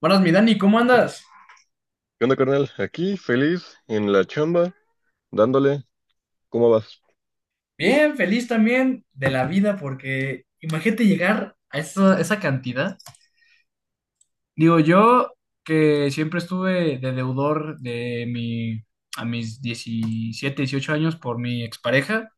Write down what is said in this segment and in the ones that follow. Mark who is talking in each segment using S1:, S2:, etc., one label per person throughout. S1: Buenas, mi Dani, ¿cómo andas?
S2: ¿Qué onda, carnal? Aquí, feliz, en la chamba, dándole. ¿Cómo vas?
S1: Bien, feliz también de la vida, porque imagínate llegar a esa cantidad. Digo, yo que siempre estuve de deudor a mis 17, 18 años por mi expareja,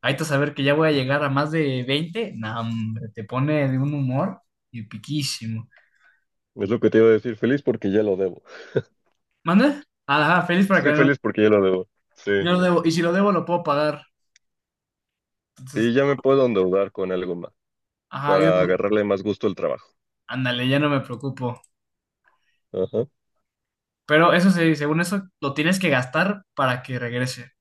S1: ahorita saber que ya voy a llegar a más de 20, no, hombre, te pone de un humor y piquísimo.
S2: Es lo que te iba a decir, feliz porque ya lo debo.
S1: ¿Manda? Ajá, feliz para que
S2: Estoy
S1: no,
S2: feliz porque ya lo debo. Sí.
S1: no lo debo, y si lo debo lo puedo pagar. Entonces,
S2: Sí, ya me puedo endeudar con algo más,
S1: ajá, ya
S2: para
S1: no,
S2: agarrarle más gusto al trabajo.
S1: ándale, ya no me preocupo.
S2: Ajá.
S1: Pero eso sí, según eso, lo tienes que gastar para que regrese.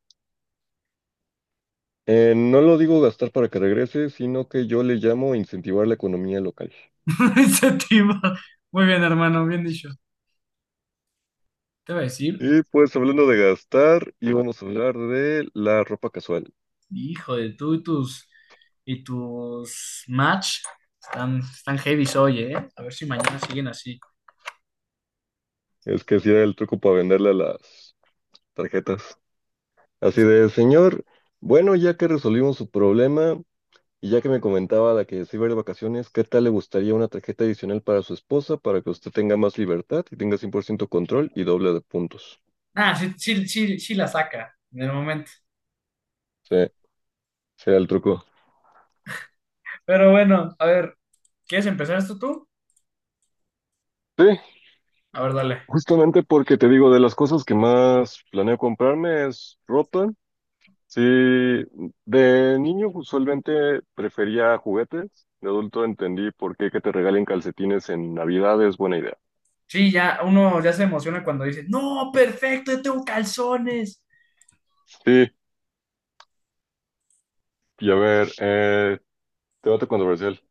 S2: No lo digo gastar para que regrese, sino que yo le llamo incentivar la economía local.
S1: Incentivo. Muy bien, hermano, bien dicho. Te voy a decir,
S2: Y pues hablando de gastar, íbamos a hablar de la ropa casual.
S1: hijo de tú y tus match están heavy hoy, ¿eh? A ver si mañana siguen así.
S2: Es que si era el truco para venderle a las tarjetas. Así
S1: Pues,
S2: de, señor, bueno, ya que resolvimos su problema, y ya que me comentaba la que se iba a ir de vacaciones, ¿qué tal le gustaría una tarjeta adicional para su esposa para que usted tenga más libertad y tenga 100% control y doble de puntos?
S1: ah, sí, sí, sí, sí la saca en el momento.
S2: Sí, será el truco.
S1: Pero bueno, a ver, ¿quieres empezar esto tú?
S2: Sí,
S1: A ver, dale.
S2: justamente porque te digo, de las cosas que más planeo comprarme es ropa. Sí, de niño usualmente prefería juguetes. De adulto entendí por qué que te regalen calcetines en Navidad es buena idea.
S1: Sí, ya uno ya se emociona cuando dice, no, perfecto, yo tengo calzones.
S2: Sí, y a ver, debate controversial.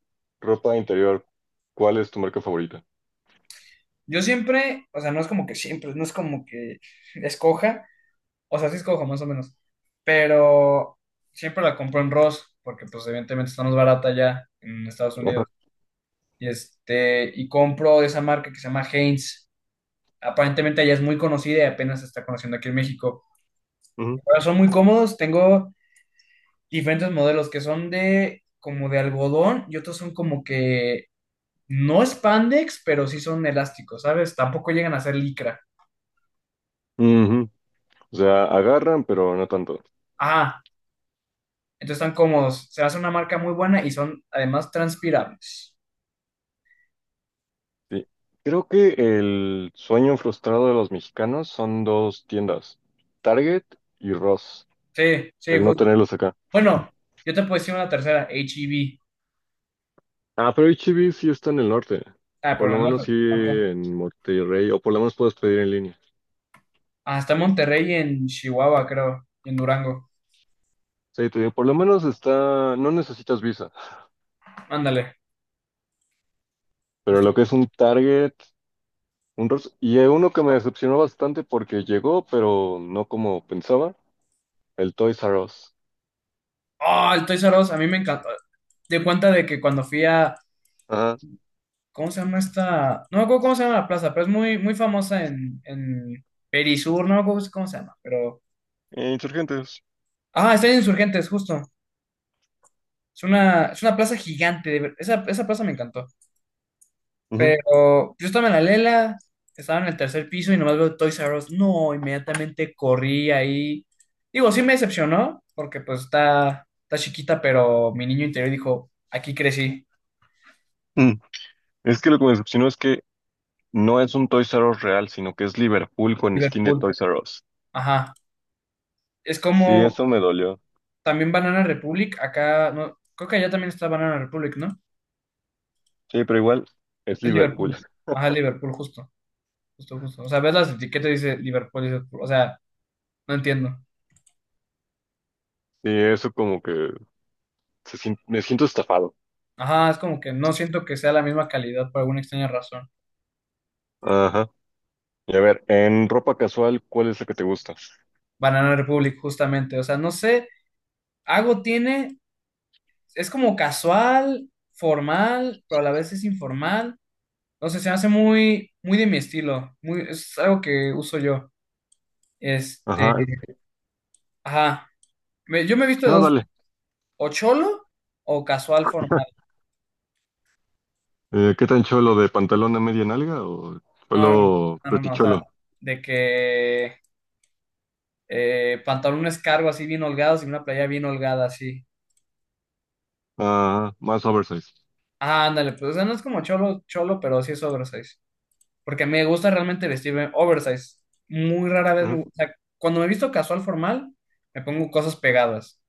S2: Ropa interior, ¿cuál es tu marca favorita?
S1: Yo siempre, o sea, no es como que siempre, no es como que escoja, o sea, sí escojo más o menos, pero siempre la compro en Ross, porque pues evidentemente está más barata allá en Estados
S2: Ajá,
S1: Unidos. Y compro de esa marca que se llama Heinz. Aparentemente allá es muy conocida y apenas se está conociendo aquí en México.
S2: ujú,
S1: Pero son muy cómodos, tengo diferentes modelos que son de como de algodón y otros son como que no spandex, pero sí son elásticos, ¿sabes? Tampoco llegan a ser licra.
S2: ujú. O sea, agarran, pero no tanto.
S1: Ah, entonces están cómodos, se hace una marca muy buena y son además transpirables.
S2: Sí. Creo que el sueño frustrado de los mexicanos son dos tiendas, Target y Ross,
S1: Sí, sí,
S2: el no
S1: justo.
S2: tenerlos acá.
S1: Bueno, yo te puedo decir una tercera, H-E-B.
S2: Ah, pero HB sí está en el norte,
S1: Ah,
S2: por
S1: pero
S2: lo
S1: no,
S2: menos sí
S1: acá.
S2: en Monterrey, o por lo menos puedes pedir en línea.
S1: Hasta Monterrey y en Chihuahua, creo, y en Durango.
S2: Sí, te digo, por lo menos está, no necesitas visa,
S1: Ándale,
S2: pero
S1: justo.
S2: lo que es un Target, un Ross, y hay uno que me decepcionó bastante porque llegó, pero no como pensaba, el Toys R Us.
S1: Ah, el Toys R Us, a mí me encantó. De cuenta de que cuando fui a,
S2: Ajá.
S1: ¿cómo se llama esta? No me acuerdo cómo se llama la plaza, pero es muy, muy famosa en Perisur, no me acuerdo cómo se llama, pero.
S2: Insurgentes.
S1: Ah, está en Insurgentes, justo. Es una plaza gigante, esa plaza me encantó.
S2: Ujú.
S1: Pero yo estaba en la Lela, estaba en el tercer piso y nomás veo Toys R Us. No, inmediatamente corrí ahí. Digo, sí me decepcionó, porque pues está chiquita, pero mi niño interior dijo, aquí crecí.
S2: Mm. Es que lo que me decepcionó es que no es un Toys R Us real, sino que es Liverpool con skin de
S1: Liverpool.
S2: Toys R Us.
S1: Ajá. Es
S2: Sí,
S1: como
S2: eso me dolió.
S1: también Banana Republic, acá, no, creo que allá también está Banana Republic, ¿no?
S2: Sí, pero igual es
S1: Es Liverpool.
S2: Liverpool.
S1: Ajá, Liverpool, justo, justo, justo. O sea, ves las etiquetas y dice Liverpool, dice, o sea, no entiendo.
S2: Sí, eso como que me siento estafado.
S1: Ajá, es como que no siento que sea la misma calidad por alguna extraña razón.
S2: Ajá. Y a ver, en ropa casual, ¿cuál es la que te gusta?
S1: Banana Republic, justamente. O sea, no sé, algo tiene, es como casual, formal, pero a la vez es informal. No sé, se me hace muy, muy de mi estilo. Muy, es algo que uso yo. Este,
S2: Ajá.
S1: ajá. Yo me he visto de
S2: No,
S1: dos,
S2: dale.
S1: o cholo o casual formal.
S2: ¿Qué tan cholo de pantalón a media nalga o
S1: No, no,
S2: cholo
S1: no, no, no, o sea,
S2: preticholo?
S1: de que pantalones cargo así bien holgados y una playa bien holgada así.
S2: Ajá, más oversize.
S1: Ah, ándale, pues o sea, no es como cholo, cholo, pero sí es oversize. Porque me gusta realmente vestirme oversize. Muy rara vez
S2: Ajá.
S1: me gusta, o sea, cuando me visto casual formal, me pongo cosas pegadas.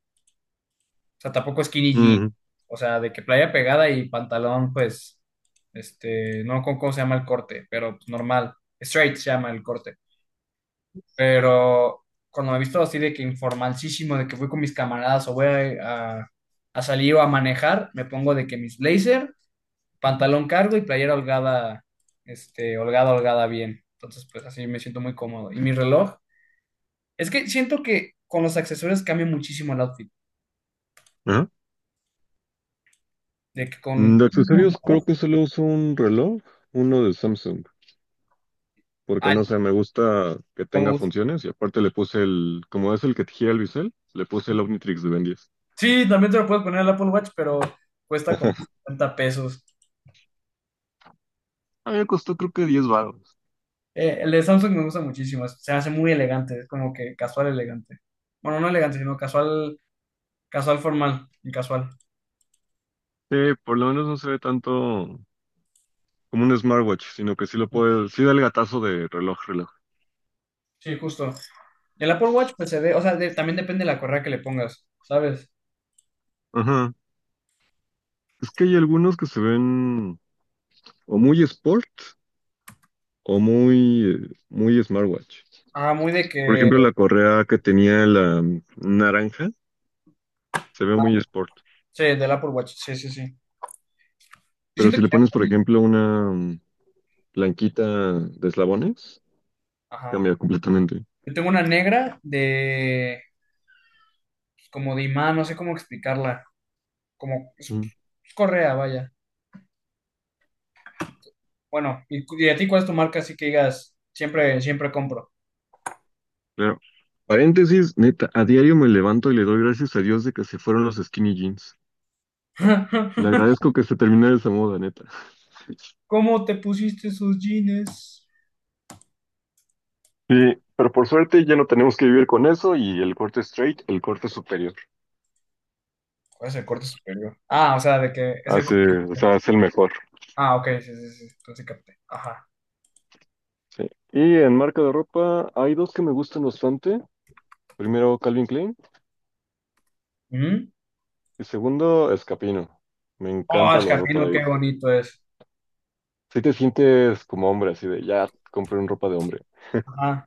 S1: O sea, tampoco skinny jean.
S2: Ujú.
S1: O sea, de que playa pegada y pantalón, pues, este, no con cómo se llama el corte, pero pues, normal. Straight se llama el corte. Pero cuando me he visto así de que informalísimo, de que fui con mis camaradas o voy a salir o a manejar, me pongo de que mis blazer pantalón cargo y playera holgada, este, holgada, holgada bien. Entonces, pues así me siento muy cómodo. Y mi reloj, es que siento que con los accesorios cambia muchísimo el outfit.
S2: Ajá.
S1: De que con.
S2: De accesorios creo que solo uso un reloj, uno de Samsung, porque
S1: Ay,
S2: no sé, me gusta que tenga
S1: con-
S2: funciones y aparte le puse el, como es el que te gira el bisel, le puse el Omnitrix de Ben 10.
S1: sí, también te lo puedes poner el Apple Watch, pero cuesta como $50.
S2: A mí me costó creo que 10 baros.
S1: El de Samsung me gusta muchísimo, se hace muy elegante, es como que casual elegante. Bueno, no elegante, sino casual, casual formal y casual.
S2: Sí, por lo menos no se ve tanto como un smartwatch, sino que sí lo puede, sí da el gatazo de reloj, reloj.
S1: Sí, justo. El Apple Watch, pues se ve, o sea, también depende de la correa que le pongas, ¿sabes?
S2: Ajá. Es que hay algunos que se ven o muy sport o muy, muy smartwatch.
S1: Ah, muy de
S2: Por
S1: que.
S2: ejemplo, la correa que tenía la naranja se ve
S1: Ah,
S2: muy sport.
S1: sí, del Apple Watch. Sí, sí, sí. Yo
S2: Pero
S1: siento
S2: si le pones, por
S1: que.
S2: ejemplo, una blanquita de eslabones,
S1: Ajá.
S2: cambia completamente.
S1: Yo tengo una negra de. Pues, como de imán, no sé cómo explicarla. Como. Es,
S2: Mm,
S1: es correa, vaya. Bueno, y, y a ti cuál es tu marca, así que digas, siempre, siempre compro.
S2: claro. Paréntesis, neta, a diario me levanto y le doy gracias a Dios de que se fueron los skinny jeans. Le agradezco que se terminara esa moda, neta.
S1: ¿Cómo te pusiste esos jeans?
S2: Sí, pero por suerte ya no tenemos que vivir con eso y el corte straight, el corte superior,
S1: ¿Cuál es el corte superior? Ah, o sea, de que es el
S2: hace,
S1: corte
S2: o
S1: superior.
S2: sea, es el mejor.
S1: Ah, ok, sí, sí, sí. Entonces capté. Ajá.
S2: Sí. Y en marca de ropa hay dos que me gustan bastante. Primero Calvin Klein
S1: Ujú.
S2: y segundo Escapino. Me
S1: Oh,
S2: encanta
S1: el
S2: la ropa de
S1: capino,
S2: ahí.
S1: qué bonito es.
S2: Si te sientes como hombre, así de ya compré un ropa de hombre.
S1: Ajá.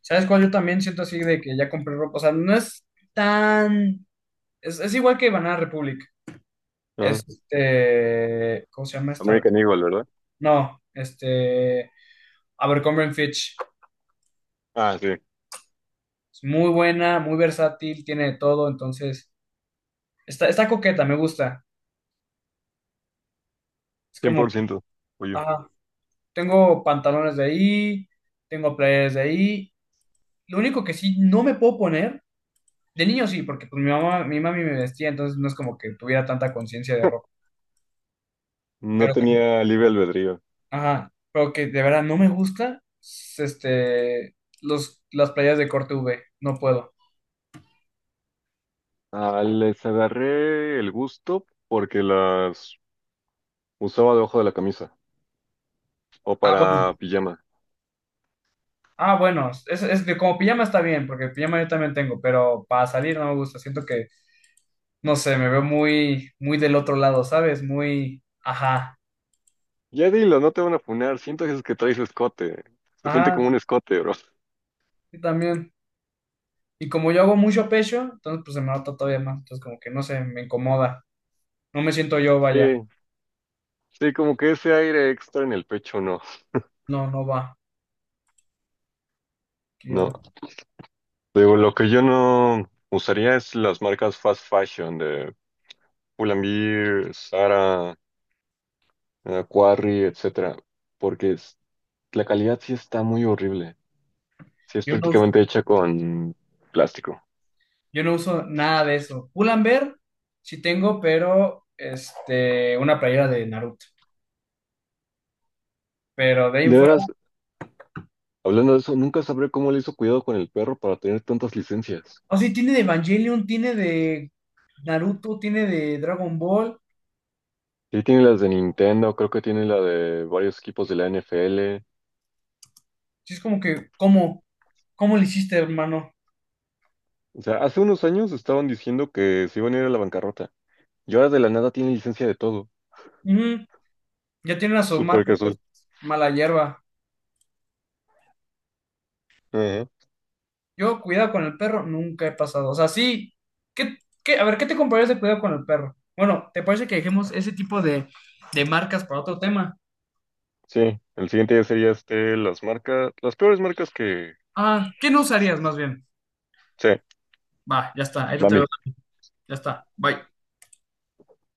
S1: ¿Sabes cuál? Yo también siento así de que ya compré ropa. O sea, no es tan. Es igual que Banana Republic.
S2: Ajá.
S1: Este. ¿Cómo se llama esta?
S2: American Eagle.
S1: No, este. Abercrombie Fitch.
S2: Ah, sí,
S1: Es muy buena, muy versátil, tiene de todo. Entonces, está coqueta, me gusta. Es
S2: cien
S1: como.
S2: por ciento, Oye,
S1: Ah, tengo pantalones de ahí, tengo playeras de ahí. Lo único que sí no me puedo poner. De niño sí, porque pues mi mamá, mi mami me vestía, entonces no es como que tuviera tanta conciencia de ropa.
S2: no
S1: Pero
S2: tenía libre albedrío.
S1: ajá, pero que de verdad no me gusta, este, los, las playas de corte V, no puedo.
S2: Ah, les agarré el gusto porque las usaba debajo de la camisa o
S1: Ah, bueno,
S2: para pijama.
S1: ah, bueno, es que como pijama está bien, porque pijama yo también tengo, pero para salir no me gusta, siento que, no sé, me veo muy, muy del otro lado, ¿sabes? Muy, ajá,
S2: Ya dilo, no te van a funar. Siento que es que traes escote. Se siente
S1: ajá,
S2: como un escote, bro.
S1: sí también. Y como yo hago mucho pecho, entonces pues se me nota todavía más, entonces como que no sé, me incomoda, no me siento yo, vaya,
S2: Sí, sí, como que ese aire extra en el pecho, no.
S1: no, no va. Ya.
S2: No. Digo, lo que yo no usaría es las marcas fast fashion de Pull&Bear, Zara, Quarry, etcétera, porque la calidad sí está muy horrible. Sí, es
S1: Yo no
S2: prácticamente hecha con plástico.
S1: Yo no uso nada de eso. Pull&Bear sí tengo, pero este, una playera de Naruto. Pero de ahí en
S2: De
S1: fuera.
S2: veras, hablando de eso, nunca sabré cómo le hizo cuidado con el perro para tener tantas licencias.
S1: O sí, tiene de Evangelion, tiene de Naruto, tiene de Dragon Ball.
S2: Sí, tiene las de Nintendo, creo que tiene la de varios equipos de la NFL.
S1: Sí, es como que, ¿cómo? ¿Cómo le hiciste, hermano?
S2: O sea, hace unos años estaban diciendo que se iban a ir a la bancarrota. Y ahora de la nada tiene licencia de todo.
S1: Ujú, ya tiene una
S2: Súper
S1: submarca, pues,
S2: casual.
S1: mala hierba.
S2: Ajá.
S1: Yo, cuidado con el perro, nunca he pasado. O sea, sí. ¿Qué, a ver, qué te comparas de cuidado con el perro? Bueno, ¿te parece que dejemos ese tipo de marcas para otro tema?
S2: Sí, el siguiente ya sería este, las marcas, las peores marcas que...
S1: Ah, ¿qué no usarías más bien?
S2: Sí,
S1: Va, ya está, ahí lo te veo,
S2: mami.
S1: ya está, bye.